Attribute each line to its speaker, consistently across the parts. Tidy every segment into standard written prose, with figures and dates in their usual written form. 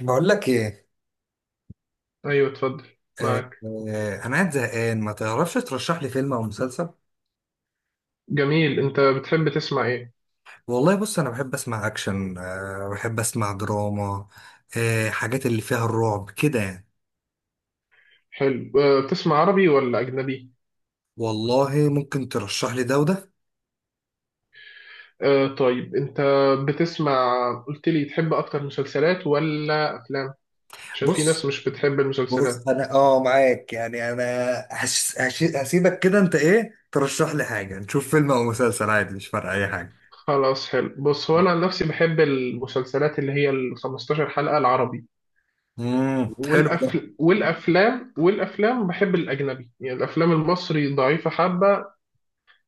Speaker 1: بقول لك ايه.
Speaker 2: ايوه، اتفضل.
Speaker 1: آه
Speaker 2: معاك.
Speaker 1: آه انا قاعد زهقان، ما تعرفش ترشح لي فيلم او مسلسل؟
Speaker 2: جميل، انت بتحب تسمع ايه؟
Speaker 1: والله بص، انا بحب اسمع اكشن، آه بحب اسمع دراما، آه حاجات اللي فيها الرعب كده يعني.
Speaker 2: حلو. بتسمع عربي ولا اجنبي؟
Speaker 1: والله ممكن ترشح لي ده وده.
Speaker 2: طيب، انت بتسمع، قلت لي تحب اكتر مسلسلات ولا افلام؟ عشان في ناس
Speaker 1: بص
Speaker 2: مش بتحب المسلسلات.
Speaker 1: بص انا اه معاك يعني انا هش هش، هسيبك كده. انت ايه ترشح لي حاجه؟ نشوف فيلم او مسلسل عادي، مش فارقه اي حاجه.
Speaker 2: خلاص، حلو. بص، هو انا عن نفسي بحب المسلسلات اللي هي ال 15 حلقة العربي.
Speaker 1: حلو.
Speaker 2: والافلام بحب الاجنبي، يعني الافلام المصري ضعيفة حبة.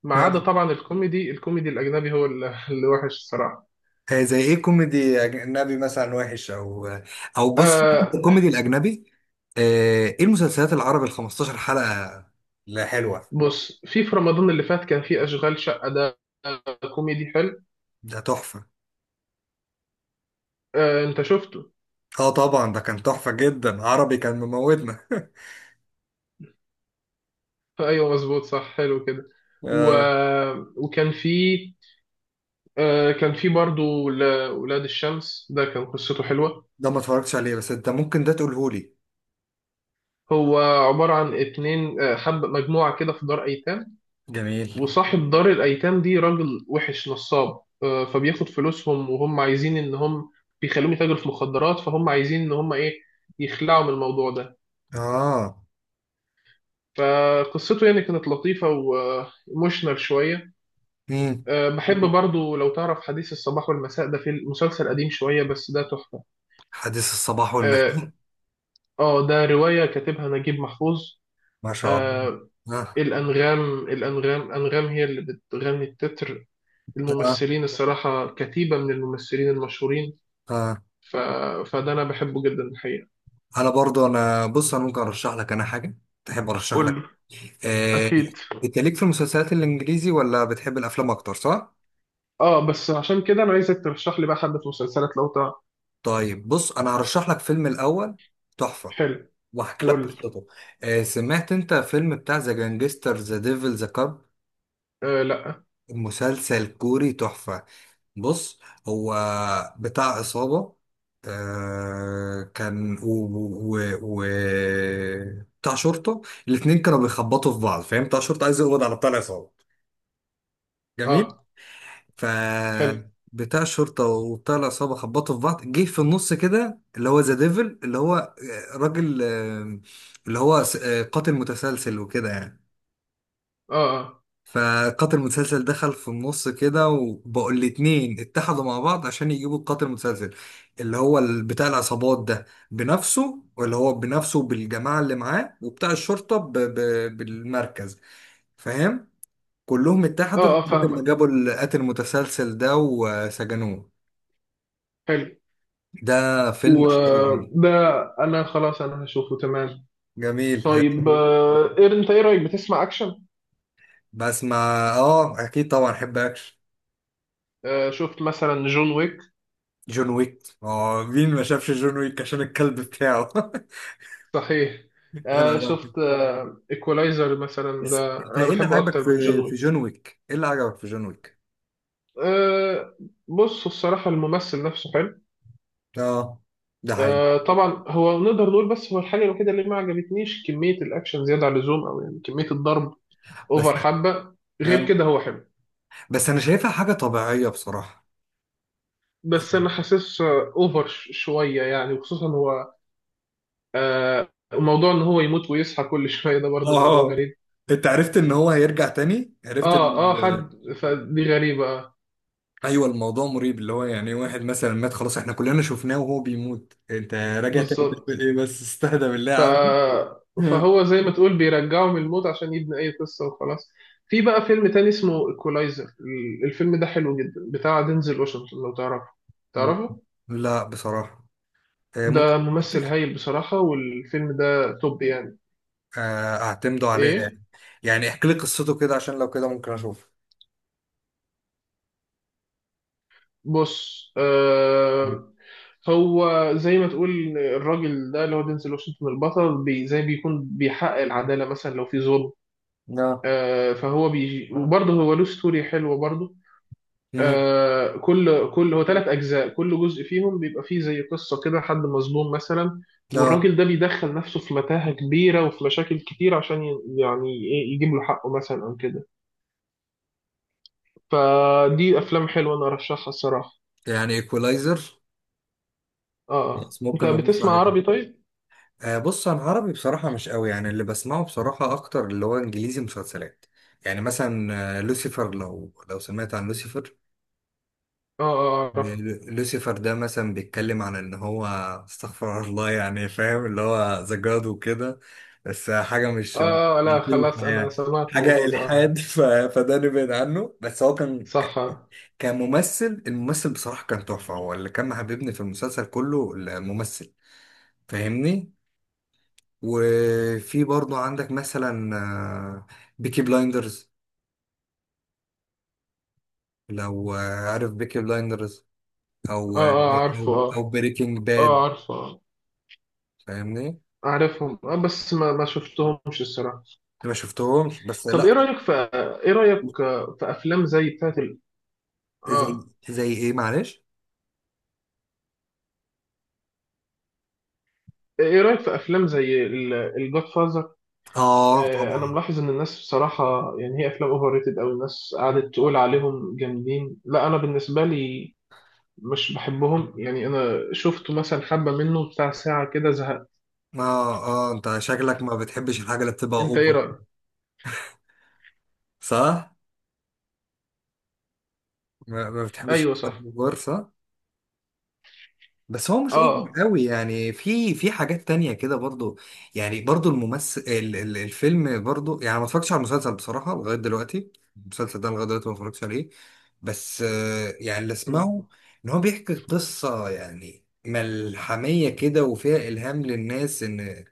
Speaker 2: ما
Speaker 1: ده
Speaker 2: عدا طبعا الكوميدي الاجنبي، هو اللي وحش الصراحة.
Speaker 1: زي ايه كوميدي اجنبي مثلا وحش؟ او او بص،
Speaker 2: آه،
Speaker 1: الكوميدي الاجنبي آه، ايه المسلسلات العربي ال 15 حلقة؟ لا حلوة.
Speaker 2: بص، في رمضان اللي فات كان في اشغال شقه ده، كوميدي حلو.
Speaker 1: ده تحفة.
Speaker 2: آه، انت شفته؟
Speaker 1: اه طبعا ده كان تحفة جدا، عربي كان مموتنا
Speaker 2: ايوه، مظبوط، صح، حلو كده. و...
Speaker 1: آه،
Speaker 2: وكان في آه كان في برضو ولاد الشمس، ده كان قصته حلوه.
Speaker 1: ده ما اتفرجتش عليه، بس انت ممكن ده تقولهولي.
Speaker 2: هو عباره عن اتنين، حب مجموعه كده في دار ايتام،
Speaker 1: جميل.
Speaker 2: وصاحب دار الايتام دي راجل وحش نصاب، فبياخد فلوسهم، وهم عايزين ان هم بيخلوهم يتاجروا في مخدرات، فهم عايزين ان هم ايه، يخلعوا من الموضوع ده.
Speaker 1: اه.
Speaker 2: فقصته يعني كانت لطيفة وموشنال شوية.
Speaker 1: امم.
Speaker 2: بحب برضو، لو تعرف، حديث الصباح والمساء، ده في مسلسل قديم شوية بس ده تحفة.
Speaker 1: حديث الصباح والمساء.
Speaker 2: اه. ده رواية كاتبها نجيب محفوظ.
Speaker 1: ما شاء الله.
Speaker 2: أه.
Speaker 1: اه.
Speaker 2: الأنغام، أنغام هي اللي بتغني التتر.
Speaker 1: اه.
Speaker 2: الممثلين الصراحة كتيبة من الممثلين المشهورين.
Speaker 1: اه
Speaker 2: ف... فده أنا بحبه جدا الحقيقة.
Speaker 1: انا برضو، انا بص انا ممكن ارشح لك انا حاجه، تحب ارشح
Speaker 2: قول
Speaker 1: لك؟
Speaker 2: لي.
Speaker 1: آه،
Speaker 2: أكيد.
Speaker 1: انت ليك في المسلسلات الانجليزي ولا بتحب الافلام اكتر، صح؟
Speaker 2: اه، بس عشان كده أنا عايزك ترشح لي بقى حبة مسلسلات لو تعرف.
Speaker 1: طيب بص انا هرشح لك فيلم الاول، تحفه،
Speaker 2: حلو.
Speaker 1: واحكي لك
Speaker 2: قول لي.
Speaker 1: قصته. سمعت انت فيلم بتاع ذا جانجستر ذا ديفل ذا كاب؟
Speaker 2: آه لا.
Speaker 1: مسلسل كوري تحفه. بص، هو بتاع عصابة. آه كان بتاع شرطة. الاتنين كانوا بيخبطوا في بعض، فاهم؟ بتاع شرطة عايز يقبض على بتاع العصابة. جميل.
Speaker 2: اه،
Speaker 1: ف
Speaker 2: حلو،
Speaker 1: بتاع الشرطة وبتاع العصابة خبطوا في بعض، جه في النص كده اللي هو ذا ديفل، اللي هو راجل، اللي هو قاتل متسلسل وكده يعني.
Speaker 2: اه، اه،
Speaker 1: فقاتل متسلسل دخل في النص كده، وبقوا الاتنين اتحدوا مع بعض عشان يجيبوا القاتل المتسلسل، اللي هو بتاع العصابات ده بنفسه، واللي هو بنفسه بالجماعة اللي معاه، وبتاع الشرطة بالمركز، فاهم؟ كلهم اتحدوا
Speaker 2: اه، اه،
Speaker 1: لحد ما
Speaker 2: فاهمك،
Speaker 1: جابوا القاتل المتسلسل ده وسجنوه.
Speaker 2: حلو.
Speaker 1: ده فيلم خارج جديد.
Speaker 2: وده، انا خلاص انا هشوفه، تمام.
Speaker 1: جميل
Speaker 2: طيب، انت ايه رايك، بتسمع اكشن؟
Speaker 1: بسمع. اه اكيد طبعا، احب اكشن.
Speaker 2: شفت مثلا جون ويك؟
Speaker 1: جون ويك. اه مين ما شافش جون ويك عشان الكلب بتاعه؟
Speaker 2: صحيح.
Speaker 1: غير عربي.
Speaker 2: شفت ايكولايزر مثلا؟
Speaker 1: بس
Speaker 2: ده
Speaker 1: انت
Speaker 2: انا
Speaker 1: ايه اللي
Speaker 2: بحبه
Speaker 1: عجبك
Speaker 2: اكتر من جون
Speaker 1: في
Speaker 2: ويك.
Speaker 1: جون ويك؟ ايه اللي عجبك في جون ويك؟
Speaker 2: آه، بص الصراحه الممثل نفسه حلو.
Speaker 1: اه، ده حقيقي.
Speaker 2: طبعا، هو نقدر نقول، بس هو الحاجه الوحيده اللي ما عجبتنيش كميه الاكشن زياده عن اللزوم، او يعني كميه الضرب
Speaker 1: بس
Speaker 2: اوفر حبه. غير
Speaker 1: آه.
Speaker 2: كده هو حلو.
Speaker 1: بس انا شايفها حاجة طبيعية بصراحة،
Speaker 2: بس
Speaker 1: يعني.
Speaker 2: انا حاسس اوفر شويه يعني، وخصوصا هو آه وموضوع ان هو يموت ويصحى كل شويه، ده برضه موضوع
Speaker 1: اه.
Speaker 2: غريب.
Speaker 1: انت عرفت ان هو هيرجع تاني؟ عرفت ان
Speaker 2: اه اه. حد، فدي غريبه.
Speaker 1: ايوه، الموضوع مريب. اللي هو يعني واحد مثلا مات، خلاص احنا كلنا شفناه وهو بيموت، انت راجع تاني
Speaker 2: بالظبط.
Speaker 1: تعمل ايه؟ بس استهدى بالله يا
Speaker 2: ف
Speaker 1: عم.
Speaker 2: فهو زي ما تقول بيرجعه من الموت عشان يبني اي قصه وخلاص. في بقى فيلم تاني اسمه ايكولايزر، الفيلم ده حلو جدا، بتاع دينزل واشنطن، لو تعرفه. تعرفه.
Speaker 1: لا بصراحة. ممكن.
Speaker 2: ده ممثل هايل بصراحه، والفيلم ده توب يعني.
Speaker 1: اعتمدوا عليه
Speaker 2: ايه.
Speaker 1: يعني. يعني احكي لي قصته كده، عشان لو كده ممكن اشوف.
Speaker 2: بص، هو زي ما تقول، الراجل ده اللي هو دينزل واشنطن البطل بي زي، بيكون بيحقق العدالة، مثلا لو في ظلم.
Speaker 1: لا
Speaker 2: آه، فهو بيجي وبرضه هو له ستوري حلوة برضه. آه، كل هو ثلاث أجزاء، كل جزء فيهم بيبقى فيه زي قصة كده، حد مظلوم مثلا،
Speaker 1: لا.
Speaker 2: والراجل ده بيدخل نفسه في متاهة كبيرة وفي مشاكل كتير، عشان يعني إيه، يجيب له حقه مثلا أو كده. فدي أفلام حلوة أنا أرشحها الصراحة.
Speaker 1: يعني ايكولايزر.
Speaker 2: آه آه.
Speaker 1: بس ممكن
Speaker 2: أنت
Speaker 1: نبص
Speaker 2: بتسمع
Speaker 1: على دي.
Speaker 2: عربي طيب؟
Speaker 1: آه بص، انا عربي بصراحه مش قوي، يعني اللي بسمعه بصراحه اكتر اللي هو انجليزي مسلسلات. يعني مثلا لوسيفر. لو سمعت عن لوسيفر؟
Speaker 2: آه. آه أعرف.
Speaker 1: لوسيفر ده مثلا بيتكلم عن ان هو، استغفر الله يعني، فاهم اللي هو ذا جاد وكده. بس حاجه مش
Speaker 2: آه آه، لا
Speaker 1: منطقية
Speaker 2: خلاص أنا
Speaker 1: يعني،
Speaker 2: سمعت
Speaker 1: حاجه
Speaker 2: الموضوع ده آه،
Speaker 1: الحاد فده نبعد عنه. بس هو كان
Speaker 2: صح آه.
Speaker 1: كممثل، الممثل بصراحه كان تحفه، هو اللي كان محببني في المسلسل كله الممثل، فاهمني؟ وفي برضو عندك مثلا بيكي بلايندرز، لو عارف بيكي بلايندرز، او
Speaker 2: آه
Speaker 1: او
Speaker 2: عارفه آه.
Speaker 1: او بريكنج
Speaker 2: آه
Speaker 1: باد،
Speaker 2: عارفه آه.
Speaker 1: فاهمني أنا؟
Speaker 2: أعرفهم آه، بس ما شفتهمش الصراحة.
Speaker 1: ما شفتهمش بس
Speaker 2: طب إيه
Speaker 1: لا.
Speaker 2: رأيك في، إيه رأيك في أفلام زي بتاعت
Speaker 1: زي
Speaker 2: آه
Speaker 1: ايه معلش؟
Speaker 2: إيه رأيك في أفلام زي الجاد فازر؟
Speaker 1: اه
Speaker 2: آه، أنا
Speaker 1: طبعا.
Speaker 2: ملاحظ إن الناس بصراحة يعني، هي أفلام أوفر ريتد أوي، الناس قعدت تقول عليهم جامدين، لا أنا بالنسبة لي مش بحبهم يعني. أنا شفته مثلا حبة منه بتاع ساعة كده زهقت.
Speaker 1: اه اه. انت شكلك ما بتحبش الحاجه اللي بتبقى
Speaker 2: أنت إيه
Speaker 1: اوفر،
Speaker 2: رأيك؟
Speaker 1: صح؟ ما بتحبش
Speaker 2: أيوه
Speaker 1: الحاجه
Speaker 2: صح.
Speaker 1: اوفر، صح. بس هو مش اوفر
Speaker 2: آه
Speaker 1: قوي يعني، في حاجات تانية كده برضو. يعني برضو الممثل ال ال الفيلم برضو، يعني ما اتفرجتش على المسلسل بصراحة لغاية دلوقتي، المسلسل ده لغاية دلوقتي ما اتفرجتش عليه. بس يعني اللي
Speaker 2: مم.
Speaker 1: اسمعه، ان هو بيحكي قصة يعني ملحمية كده، وفيها الهام للناس ان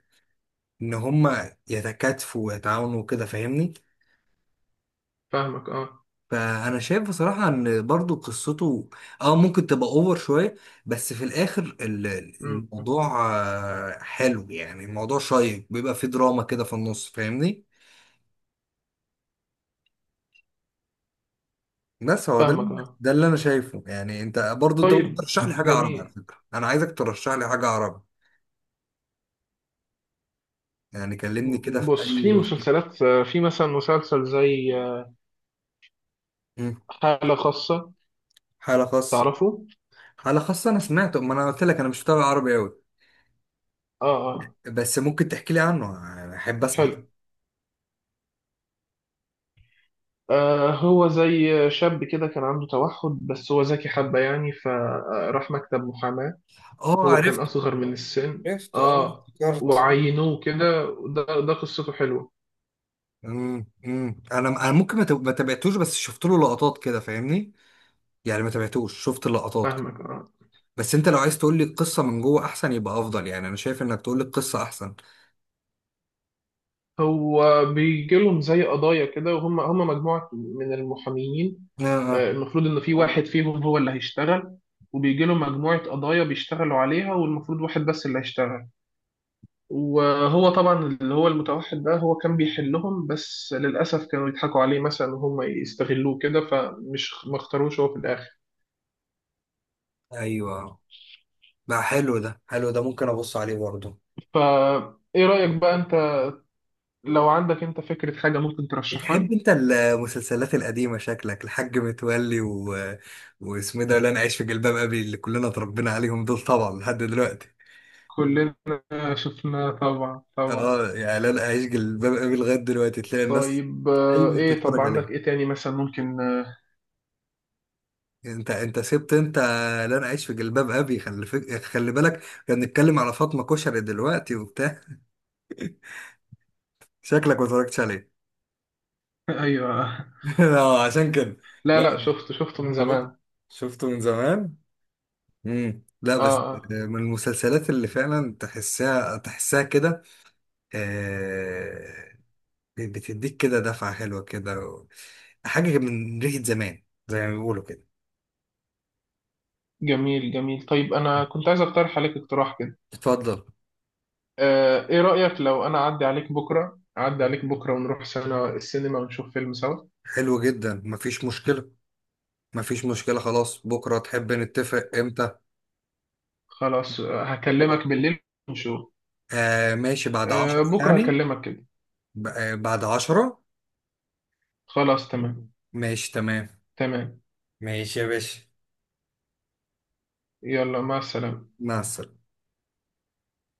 Speaker 1: هما يتكاتفوا ويتعاونوا وكده، فاهمني؟
Speaker 2: فاهمك اه.
Speaker 1: فانا شايف بصراحه ان برضو قصته اه ممكن تبقى اوفر شويه، بس في الاخر
Speaker 2: مم.
Speaker 1: الموضوع حلو يعني، الموضوع شيق، بيبقى فيه دراما كده في النص، فاهمني؟ بس هو ده
Speaker 2: فاهمك اه.
Speaker 1: ده اللي انا شايفه يعني. انت ممكن
Speaker 2: طيب
Speaker 1: ترشح لي حاجه عربي، على
Speaker 2: جميل.
Speaker 1: فكره انا عايزك ترشح لي حاجه عربي، يعني كلمني كده في
Speaker 2: بص،
Speaker 1: اي
Speaker 2: في
Speaker 1: وقت.
Speaker 2: مسلسلات، في مثلا مسلسل زي،
Speaker 1: مم.
Speaker 2: حالة خاصة،
Speaker 1: حاله خاصه.
Speaker 2: تعرفه؟
Speaker 1: حاله خاصه انا سمعته، ما انا قلت لك انا مش متابع عربي قوي،
Speaker 2: اه اه.
Speaker 1: بس ممكن تحكي لي عنه، احب اسمع.
Speaker 2: حلو. آه، هو زي شاب كده كان عنده توحد، بس هو ذكي حبة يعني، فراح مكتب محاماة.
Speaker 1: اه
Speaker 2: هو كان
Speaker 1: عرفته.
Speaker 2: أصغر من السن.
Speaker 1: عرفته، اه
Speaker 2: اه.
Speaker 1: افتكرت.
Speaker 2: وعينوه كده، ده قصته حلوة.
Speaker 1: امم، انا انا ممكن ما تابعتوش، بس شفت له لقطات كده، فاهمني؟ يعني ما تابعتوش، شفت اللقطات كده.
Speaker 2: فاهمك آه.
Speaker 1: بس انت لو عايز تقول لي القصه من جوه احسن، يبقى افضل، يعني انا شايف انك تقول لي القصه احسن.
Speaker 2: هو بيجي لهم زي قضايا كده، وهم مجموعة من المحاميين.
Speaker 1: اه
Speaker 2: آه،
Speaker 1: آه.
Speaker 2: المفروض إن في واحد فيهم هو اللي هيشتغل، وبيجي لهم مجموعة قضايا بيشتغلوا عليها، والمفروض واحد بس اللي هيشتغل. وهو طبعا اللي هو المتوحد ده، هو كان بيحلهم، بس للأسف كانوا يضحكوا عليه مثلا وهم يستغلوه كده، فمش ما اختاروش هو في الآخر.
Speaker 1: ايوه بقى، حلو ده، حلو ده، ممكن ابص عليه برضه.
Speaker 2: فا إيه رأيك بقى أنت، لو عندك أنت فكرة حاجة ممكن ترشحها لي؟
Speaker 1: بتحب انت المسلسلات القديمه شكلك، الحاج متولي واسمه إيه ده، لا انا عايش في جلباب ابي، اللي كلنا اتربينا عليهم دول طبعا لحد دلوقتي.
Speaker 2: كلنا شفنا، طبعا طبعا.
Speaker 1: اه يعني لا انا عايش جلباب ابي لغايه دلوقتي، تلاقي الناس
Speaker 2: طيب،
Speaker 1: دايما
Speaker 2: ايه، طب
Speaker 1: بتتفرج
Speaker 2: عندك
Speaker 1: عليه.
Speaker 2: ايه تاني مثلا ممكن؟
Speaker 1: انت سبت انت، لا انا عايش في جلباب ابي، خلي خلي بالك، كان بنتكلم على فاطمه كشري دلوقتي وبتاع، شكلك ما اتفرجتش عليه.
Speaker 2: ايوه.
Speaker 1: اه عشان كده.
Speaker 2: لا لا،
Speaker 1: لا
Speaker 2: شفته من
Speaker 1: شفت،
Speaker 2: زمان.
Speaker 1: شفته من زمان. لا
Speaker 2: اه
Speaker 1: بس،
Speaker 2: آه.
Speaker 1: من المسلسلات اللي فعلا تحسها، تحسها كده، آه، بتديك كده دفعه حلوه كده، حاجه من ريحه زمان زي ما بيقولوا كده.
Speaker 2: جميل جميل، طيب انا كنت عايز اقترح عليك اقتراح كده.
Speaker 1: اتفضل.
Speaker 2: آه، ايه رأيك، لو انا اعدي عليك بكرة، ونروح سنة السينما ونشوف فيلم سوا؟
Speaker 1: حلو جدا، مفيش مشكله. مفيش مشكله، خلاص بكره تحب نتفق امتى؟
Speaker 2: خلاص، هكلمك بالليل ونشوف.
Speaker 1: آه ماشي بعد 10
Speaker 2: آه، بكرة
Speaker 1: يعني.
Speaker 2: هكلمك كده.
Speaker 1: بعد عشرة.
Speaker 2: خلاص، تمام.
Speaker 1: ماشي تمام.
Speaker 2: تمام.
Speaker 1: ماشي يا باشا.
Speaker 2: يلا، مع السلامة.
Speaker 1: مع السلامة.